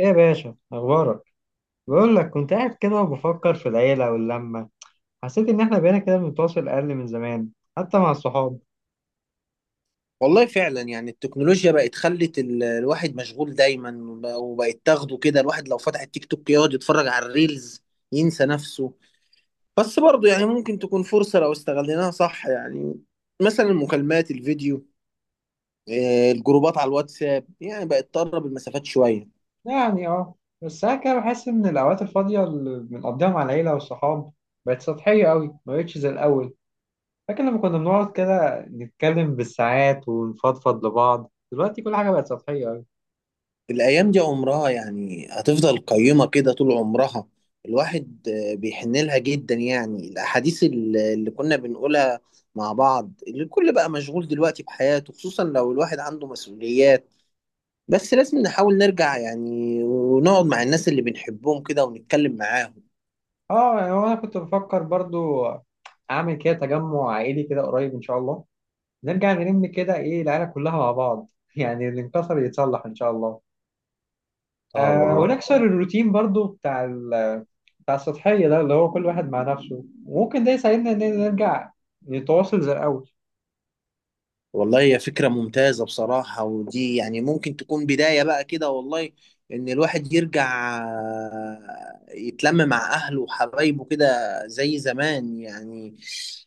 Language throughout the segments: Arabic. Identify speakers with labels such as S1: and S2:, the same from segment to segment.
S1: ايه يا باشا اخبارك؟ بقول لك كنت قاعد كده وبفكر في العيله واللمه. حسيت ان احنا بقينا كده بنتواصل اقل من زمان، حتى مع الصحاب.
S2: والله فعلا يعني التكنولوجيا بقت خلت الواحد مشغول دايما وبقت تاخده كده. الواحد لو فتح التيك توك يقعد يتفرج على الريلز، ينسى نفسه. بس برضه يعني ممكن تكون فرصة لو استغليناها صح، يعني مثلا المكالمات الفيديو، الجروبات على الواتساب يعني بقت تقرب المسافات شوية.
S1: يعني اه، بس ساعات كده بحس ان الاوقات الفاضيه اللي بنقضيها مع العيله والصحاب بقت سطحيه قوي، ما بقتش زي الاول. فاكر لما كنا بنقعد كده نتكلم بالساعات ونفضفض لبعض، دلوقتي كل حاجه بقت سطحيه قوي.
S2: الأيام دي عمرها يعني هتفضل قيمة كده طول عمرها. الواحد بيحن لها جدا، يعني الأحاديث اللي كنا بنقولها مع بعض، اللي الكل بقى مشغول دلوقتي بحياته، خصوصا لو الواحد عنده مسؤوليات. بس لازم نحاول نرجع يعني، ونقعد مع الناس اللي بنحبهم كده ونتكلم معاهم.
S1: اه يعني هو انا كنت بفكر برضو اعمل كده تجمع عائلي كده قريب ان شاء الله، نرجع نلم كده، ايه، العيله كلها مع بعض يعني اللي انكسر يتصلح ان شاء الله.
S2: اه
S1: آه،
S2: والله.
S1: ونكسر الروتين برضو بتاع السطحيه ده، اللي هو كل واحد مع نفسه، وممكن ده يساعدنا ان نرجع نتواصل زي الاول.
S2: والله، هي فكرة ممتازة بصراحة، ودي يعني ممكن تكون بداية بقى كده والله. إن الواحد يرجع يتلم مع أهله وحبايبه كده زي زمان يعني.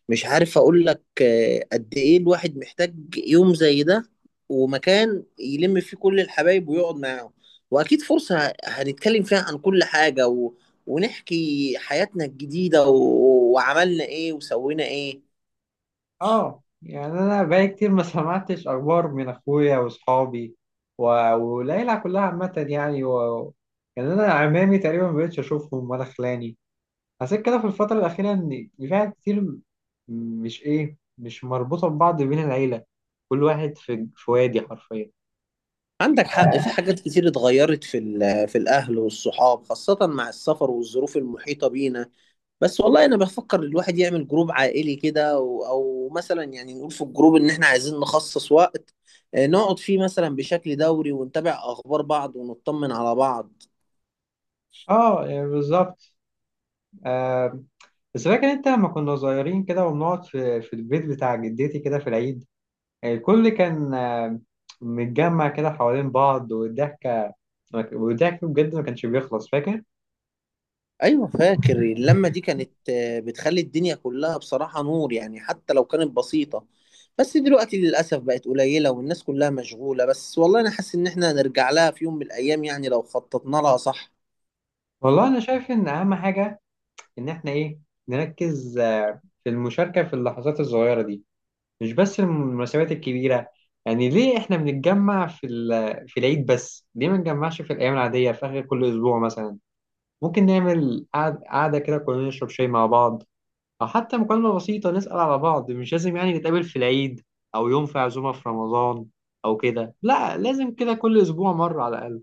S2: مش عارف أقول لك، قد إيه الواحد محتاج يوم زي ده، ومكان يلم فيه كل الحبايب ويقعد معاهم. وأكيد فرصة هنتكلم فيها عن كل حاجة ونحكي حياتنا الجديدة وعملنا إيه وسوينا إيه.
S1: اه يعني انا بقالي كتير ما سمعتش اخبار من اخويا واصحابي والعيله كلها عامه، يعني و... يعني انا عمامي تقريبا ما بقتش اشوفهم ولا خلاني. حسيت كده في الفترة الأخيرة إن في حاجات كتير مش إيه، مش مربوطة ببعض بين العيلة، كل واحد في وادي حرفيا.
S2: عندك حق. في حاجات كتير اتغيرت في في الاهل والصحاب، خاصة مع السفر والظروف المحيطة بينا. بس والله انا بفكر الواحد يعمل جروب عائلي كده او مثلا، يعني نقول في الجروب ان احنا عايزين نخصص وقت، نقعد فيه مثلا بشكل دوري ونتابع اخبار بعض ونطمن على بعض.
S1: آه يعني بالظبط. آه، بس فاكر أنت لما كنا صغيرين كده وبنقعد في البيت بتاع جدتي كده في العيد، آه، الكل كان آه، متجمع كده حوالين بعض، والضحكة والضحك بجد ما كانش بيخلص، فاكر؟
S2: ايوه، فاكر اللمه دي كانت بتخلي الدنيا كلها بصراحه نور، يعني حتى لو كانت بسيطه. بس دلوقتي للاسف بقت قليله والناس كلها مشغوله. بس والله انا حاسس ان احنا هنرجع لها في يوم من الايام، يعني لو خططنا لها صح.
S1: والله أنا شايف إن أهم حاجة إن إحنا إيه، نركز آه في المشاركة في اللحظات الصغيرة دي، مش بس المناسبات الكبيرة. يعني ليه احنا بنتجمع في العيد بس؟ ليه ما نتجمعش في الأيام العادية في آخر كل أسبوع مثلا؟ ممكن نعمل قعدة كده كلنا نشرب شاي مع بعض، أو حتى مكالمة بسيطة نسأل على بعض. مش لازم يعني نتقابل في العيد، أو يوم في عزومة في رمضان، أو كده. لا، لازم كده كل أسبوع مرة على الأقل.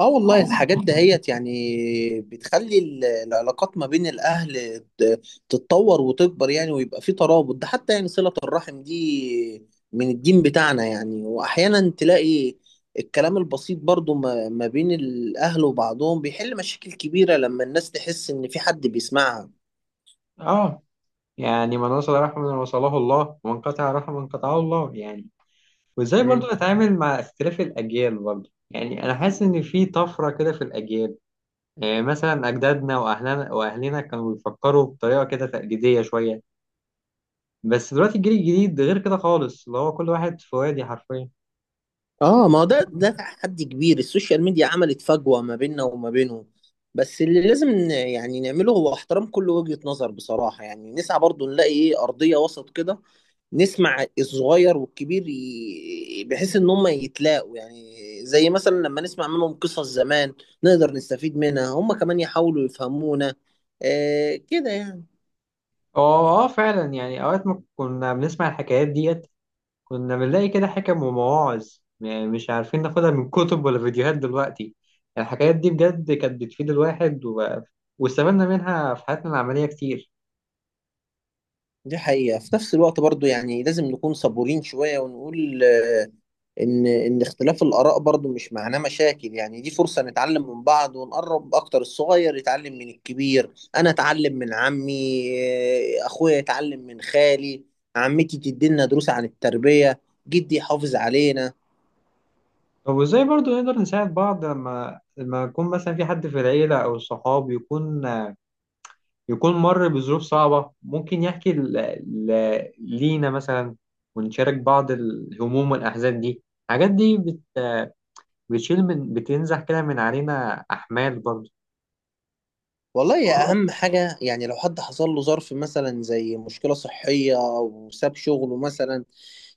S2: اه والله. الحاجات دهيت يعني بتخلي العلاقات ما بين الاهل تتطور وتكبر يعني، ويبقى في ترابط. ده حتى يعني صلة الرحم دي من الدين بتاعنا يعني. واحيانا تلاقي الكلام البسيط برضو ما بين الاهل وبعضهم بيحل مشاكل كبيرة لما الناس تحس ان في حد بيسمعها.
S1: آه يعني من وصل رحمة من وصله الله، ومن قطع رحمة من قطعه الله يعني. وازاي برضو
S2: مم.
S1: نتعامل مع اختلاف الاجيال برضو؟ يعني انا حاسس ان في طفره كده في الاجيال. يعني مثلا اجدادنا واهلنا كانوا بيفكروا بطريقه كده تقليديه شويه، بس دلوقتي الجيل الجديد غير كده خالص، اللي هو كل واحد في وادي حرفيا.
S2: اه، ما هو ده تحدي كبير. السوشيال ميديا عملت فجوة ما بيننا وما بينهم. بس اللي لازم يعني نعمله هو احترام كل وجهة نظر، بصراحة يعني نسعى برضو نلاقي ايه أرضية وسط كده. نسمع الصغير والكبير بحيث ان هم يتلاقوا يعني. زي مثلا لما نسمع منهم قصص زمان نقدر نستفيد منها، هم كمان يحاولوا يفهمونا، كده يعني.
S1: اه اه فعلا، يعني اوقات ما كنا بنسمع الحكايات ديت كنا بنلاقي كده حكم ومواعظ، يعني مش عارفين ناخدها من كتب ولا فيديوهات دلوقتي. الحكايات دي بجد كانت بتفيد الواحد، و... واستفدنا منها في حياتنا العمليه كتير.
S2: دي حقيقة. في نفس الوقت برضو يعني لازم نكون صبورين شوية، ونقول ان اختلاف الاراء برضو مش معناه مشاكل، يعني دي فرصه نتعلم من بعض ونقرب اكتر، الصغير يتعلم من الكبير. انا اتعلم من عمي، اخويا يتعلم من خالي. عمتي تدينا دروس عن التربيه، جدي يحافظ علينا.
S1: طب وازاي برضو نقدر نساعد بعض لما يكون مثلا في حد في العيلة أو الصحاب يكون، مر بظروف صعبة، ممكن يحكي ل... ل... لينا مثلا، ونشارك بعض الهموم والأحزان دي. الحاجات دي بت... بتشيل من، بتنزح كده من علينا أحمال برضو.
S2: والله يا، اهم حاجه يعني لو حد حصل له ظرف مثلا زي مشكله صحيه او ساب شغله مثلا،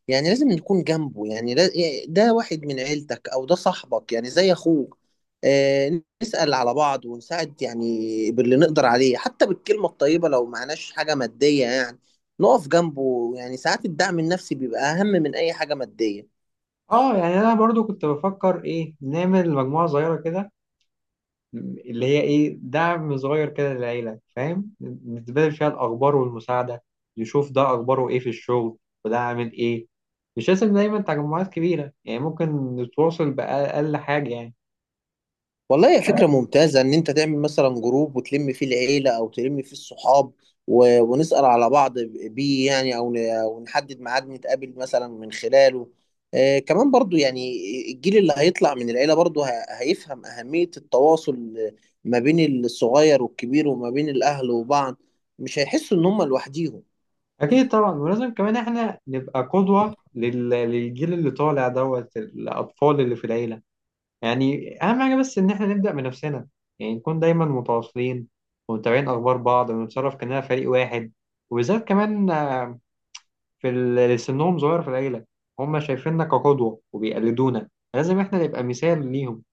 S2: يعني لازم نكون جنبه، يعني لا- إيه، ده واحد من عيلتك او ده صاحبك يعني زي اخوك. نسأل على بعض ونساعد يعني باللي نقدر عليه، حتى بالكلمة الطيبة لو معناش حاجة مادية يعني. نقف جنبه. يعني ساعات الدعم النفسي بيبقى أهم من أي حاجة مادية.
S1: اه يعني أنا برضو كنت بفكر إيه، نعمل مجموعة صغيرة كده اللي هي ايه دعم صغير كده للعيلة فاهم، نتبادل فيها الأخبار والمساعدة، يشوف ده أخباره ايه في الشغل، وده عامل ايه. مش لازم دايما تجمعات كبيرة، يعني ممكن نتواصل بأقل حاجة يعني.
S2: والله هي فكرة ممتازة إن أنت تعمل مثلا جروب وتلم فيه العيلة أو تلم فيه الصحاب، ونسأل على بعض بيه يعني، أو أو نحدد ميعاد نتقابل مثلا من خلاله. كمان برضو يعني الجيل اللي هيطلع من العيلة برضو هيفهم أهمية التواصل ما بين الصغير والكبير وما بين الأهل وبعض، مش هيحسوا إن هم لوحديهم.
S1: أكيد طبعا، ولازم كمان احنا نبقى قدوة للجيل اللي طالع دوت الأطفال اللي في العيلة. يعني أهم حاجة بس إن احنا نبدأ بنفسنا، يعني نكون دايما متواصلين ومتابعين أخبار بعض، ونتصرف كأننا فريق واحد. وبالذات كمان اللي سنهم صغير في العيلة، هم شايفيننا كقدوة وبيقلدونا، لازم احنا نبقى مثال ليهم.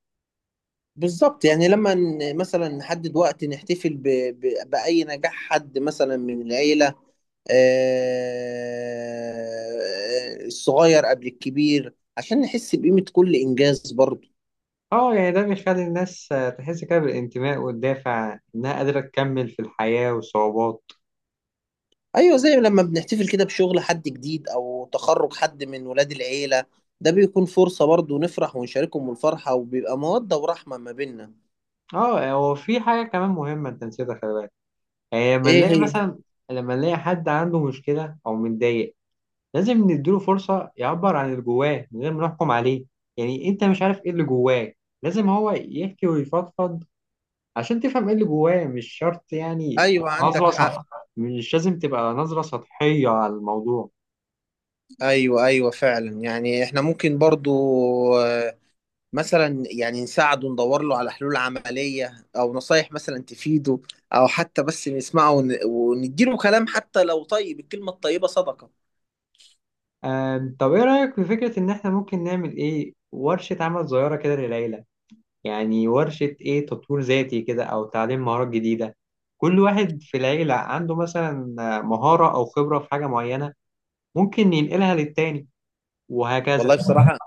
S2: بالظبط. يعني لما مثلا نحدد وقت نحتفل بأي نجاح حد مثلا من العيلة، الصغير قبل الكبير، عشان نحس بقيمة كل إنجاز برضه.
S1: اه يعني ده بيخلي الناس آه، تحس كده بالانتماء والدافع انها قادرة تكمل في الحياة والصعوبات.
S2: أيوة، زي لما بنحتفل كده بشغل حد جديد أو تخرج حد من ولاد العيلة، ده بيكون فرصة برضه نفرح ونشاركهم الفرحة، وبيبقى مودة ورحمة ما بيننا.
S1: اه، هو في حاجة كمان مهمة انت نسيتها، خلي بالك. يعني لما
S2: إيه
S1: نلاقي
S2: هي؟
S1: مثلا، لما نلاقي حد عنده مشكلة او متضايق، لازم نديله فرصة يعبر عن اللي جواه من غير ما نحكم عليه. يعني انت مش عارف ايه اللي جواه، لازم هو يحكي ويفضفض عشان تفهم ايه اللي جواه. مش شرط يعني
S2: أيوة،
S1: تبقى
S2: عندك
S1: نظرة
S2: حق.
S1: صح مش لازم تبقى نظرة سطحية على الموضوع.
S2: أيوة، أيوة، فعلا يعني إحنا ممكن برضه، مثلا يعني نساعده ندور له على حلول عملية، أو نصايح مثلا تفيده، أو حتى بس نسمعه ونديله كلام. حتى لو، طيب الكلمة الطيبة صدقة.
S1: طب ايه رأيك في فكرة ان احنا ممكن نعمل ايه، ورشة عمل صغيرة كده للعيلة؟ يعني ورشة ايه، تطوير ذاتي كده او تعليم مهارات جديدة، كل واحد في العيلة عنده مثلا آه، مهارة او خبرة في حاجة معينة، ممكن ينقلها للتاني، وهكذا.
S2: والله بصراحة،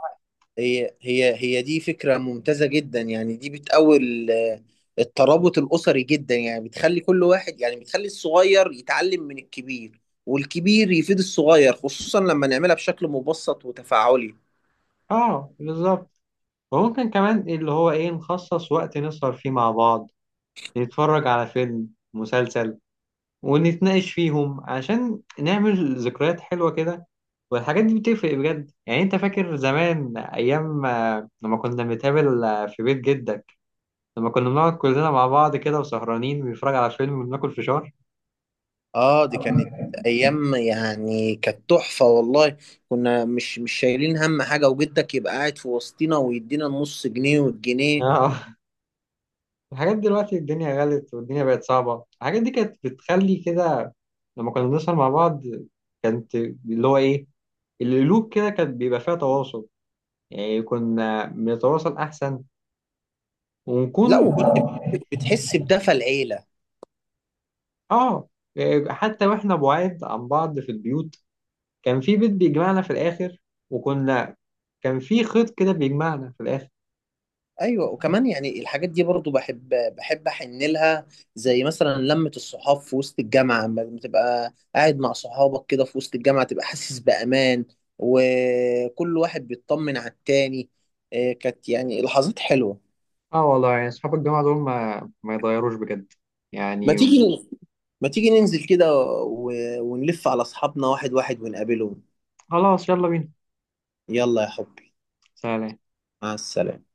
S2: هي دي فكرة ممتازة جدا، يعني دي بتقوي الترابط الأسري جدا، يعني بتخلي كل واحد يعني، بتخلي الصغير يتعلم من الكبير، والكبير يفيد الصغير، خصوصا لما نعملها بشكل مبسط وتفاعلي.
S1: اه بالظبط. وممكن كمان اللي هو ايه، نخصص وقت نسهر فيه مع بعض، نتفرج على فيلم، مسلسل، ونتناقش فيهم عشان نعمل ذكريات حلوة كده. والحاجات دي بتفرق بجد. يعني انت فاكر زمان ايام آه، لما كنا بنتقابل آه، في بيت جدك، لما كنا بنقعد كلنا مع بعض كده وسهرانين بنتفرج على فيلم وبناكل فشار.
S2: اه، دي كانت ايام يعني، كانت تحفه والله. كنا مش شايلين هم حاجه، وجدك يبقى قاعد في وسطنا ويدينا النص جنيه والجنيه.
S1: اه الحاجات دلوقتي الدنيا غلت والدنيا بقت صعبة. الحاجات دي كانت بتخلي كده، لما كنا بنسهر مع بعض كانت اللي هو ايه، القلوب كده كانت بيبقى فيها تواصل، يعني كنا بنتواصل احسن، ونكون.
S2: لا، وكنت بتحس بدفى العيله.
S1: اه إيه، حتى واحنا بعاد عن بعض في البيوت كان في بيت بيجمعنا في الاخر، وكنا، كان في خيط كده بيجمعنا في الاخر.
S2: ايوه، وكمان يعني الحاجات دي برضو بحب احن لها، زي مثلا لمه الصحاب في وسط الجامعه، لما تبقى قاعد مع صحابك كده في وسط الجامعه تبقى حاسس بامان، وكل واحد بيطمن على التاني، كانت يعني لحظات حلوه.
S1: اه والله، يعني اصحاب الجامعة دول ما يتغيروش بجد
S2: ما
S1: يعني.
S2: تيجي ما تيجي ننزل كده و... ونلف على أصحابنا واحد واحد ونقابلهم.
S1: خلاص يلا بينا،
S2: يلا يا حبي.
S1: سلام.
S2: مع السلامة.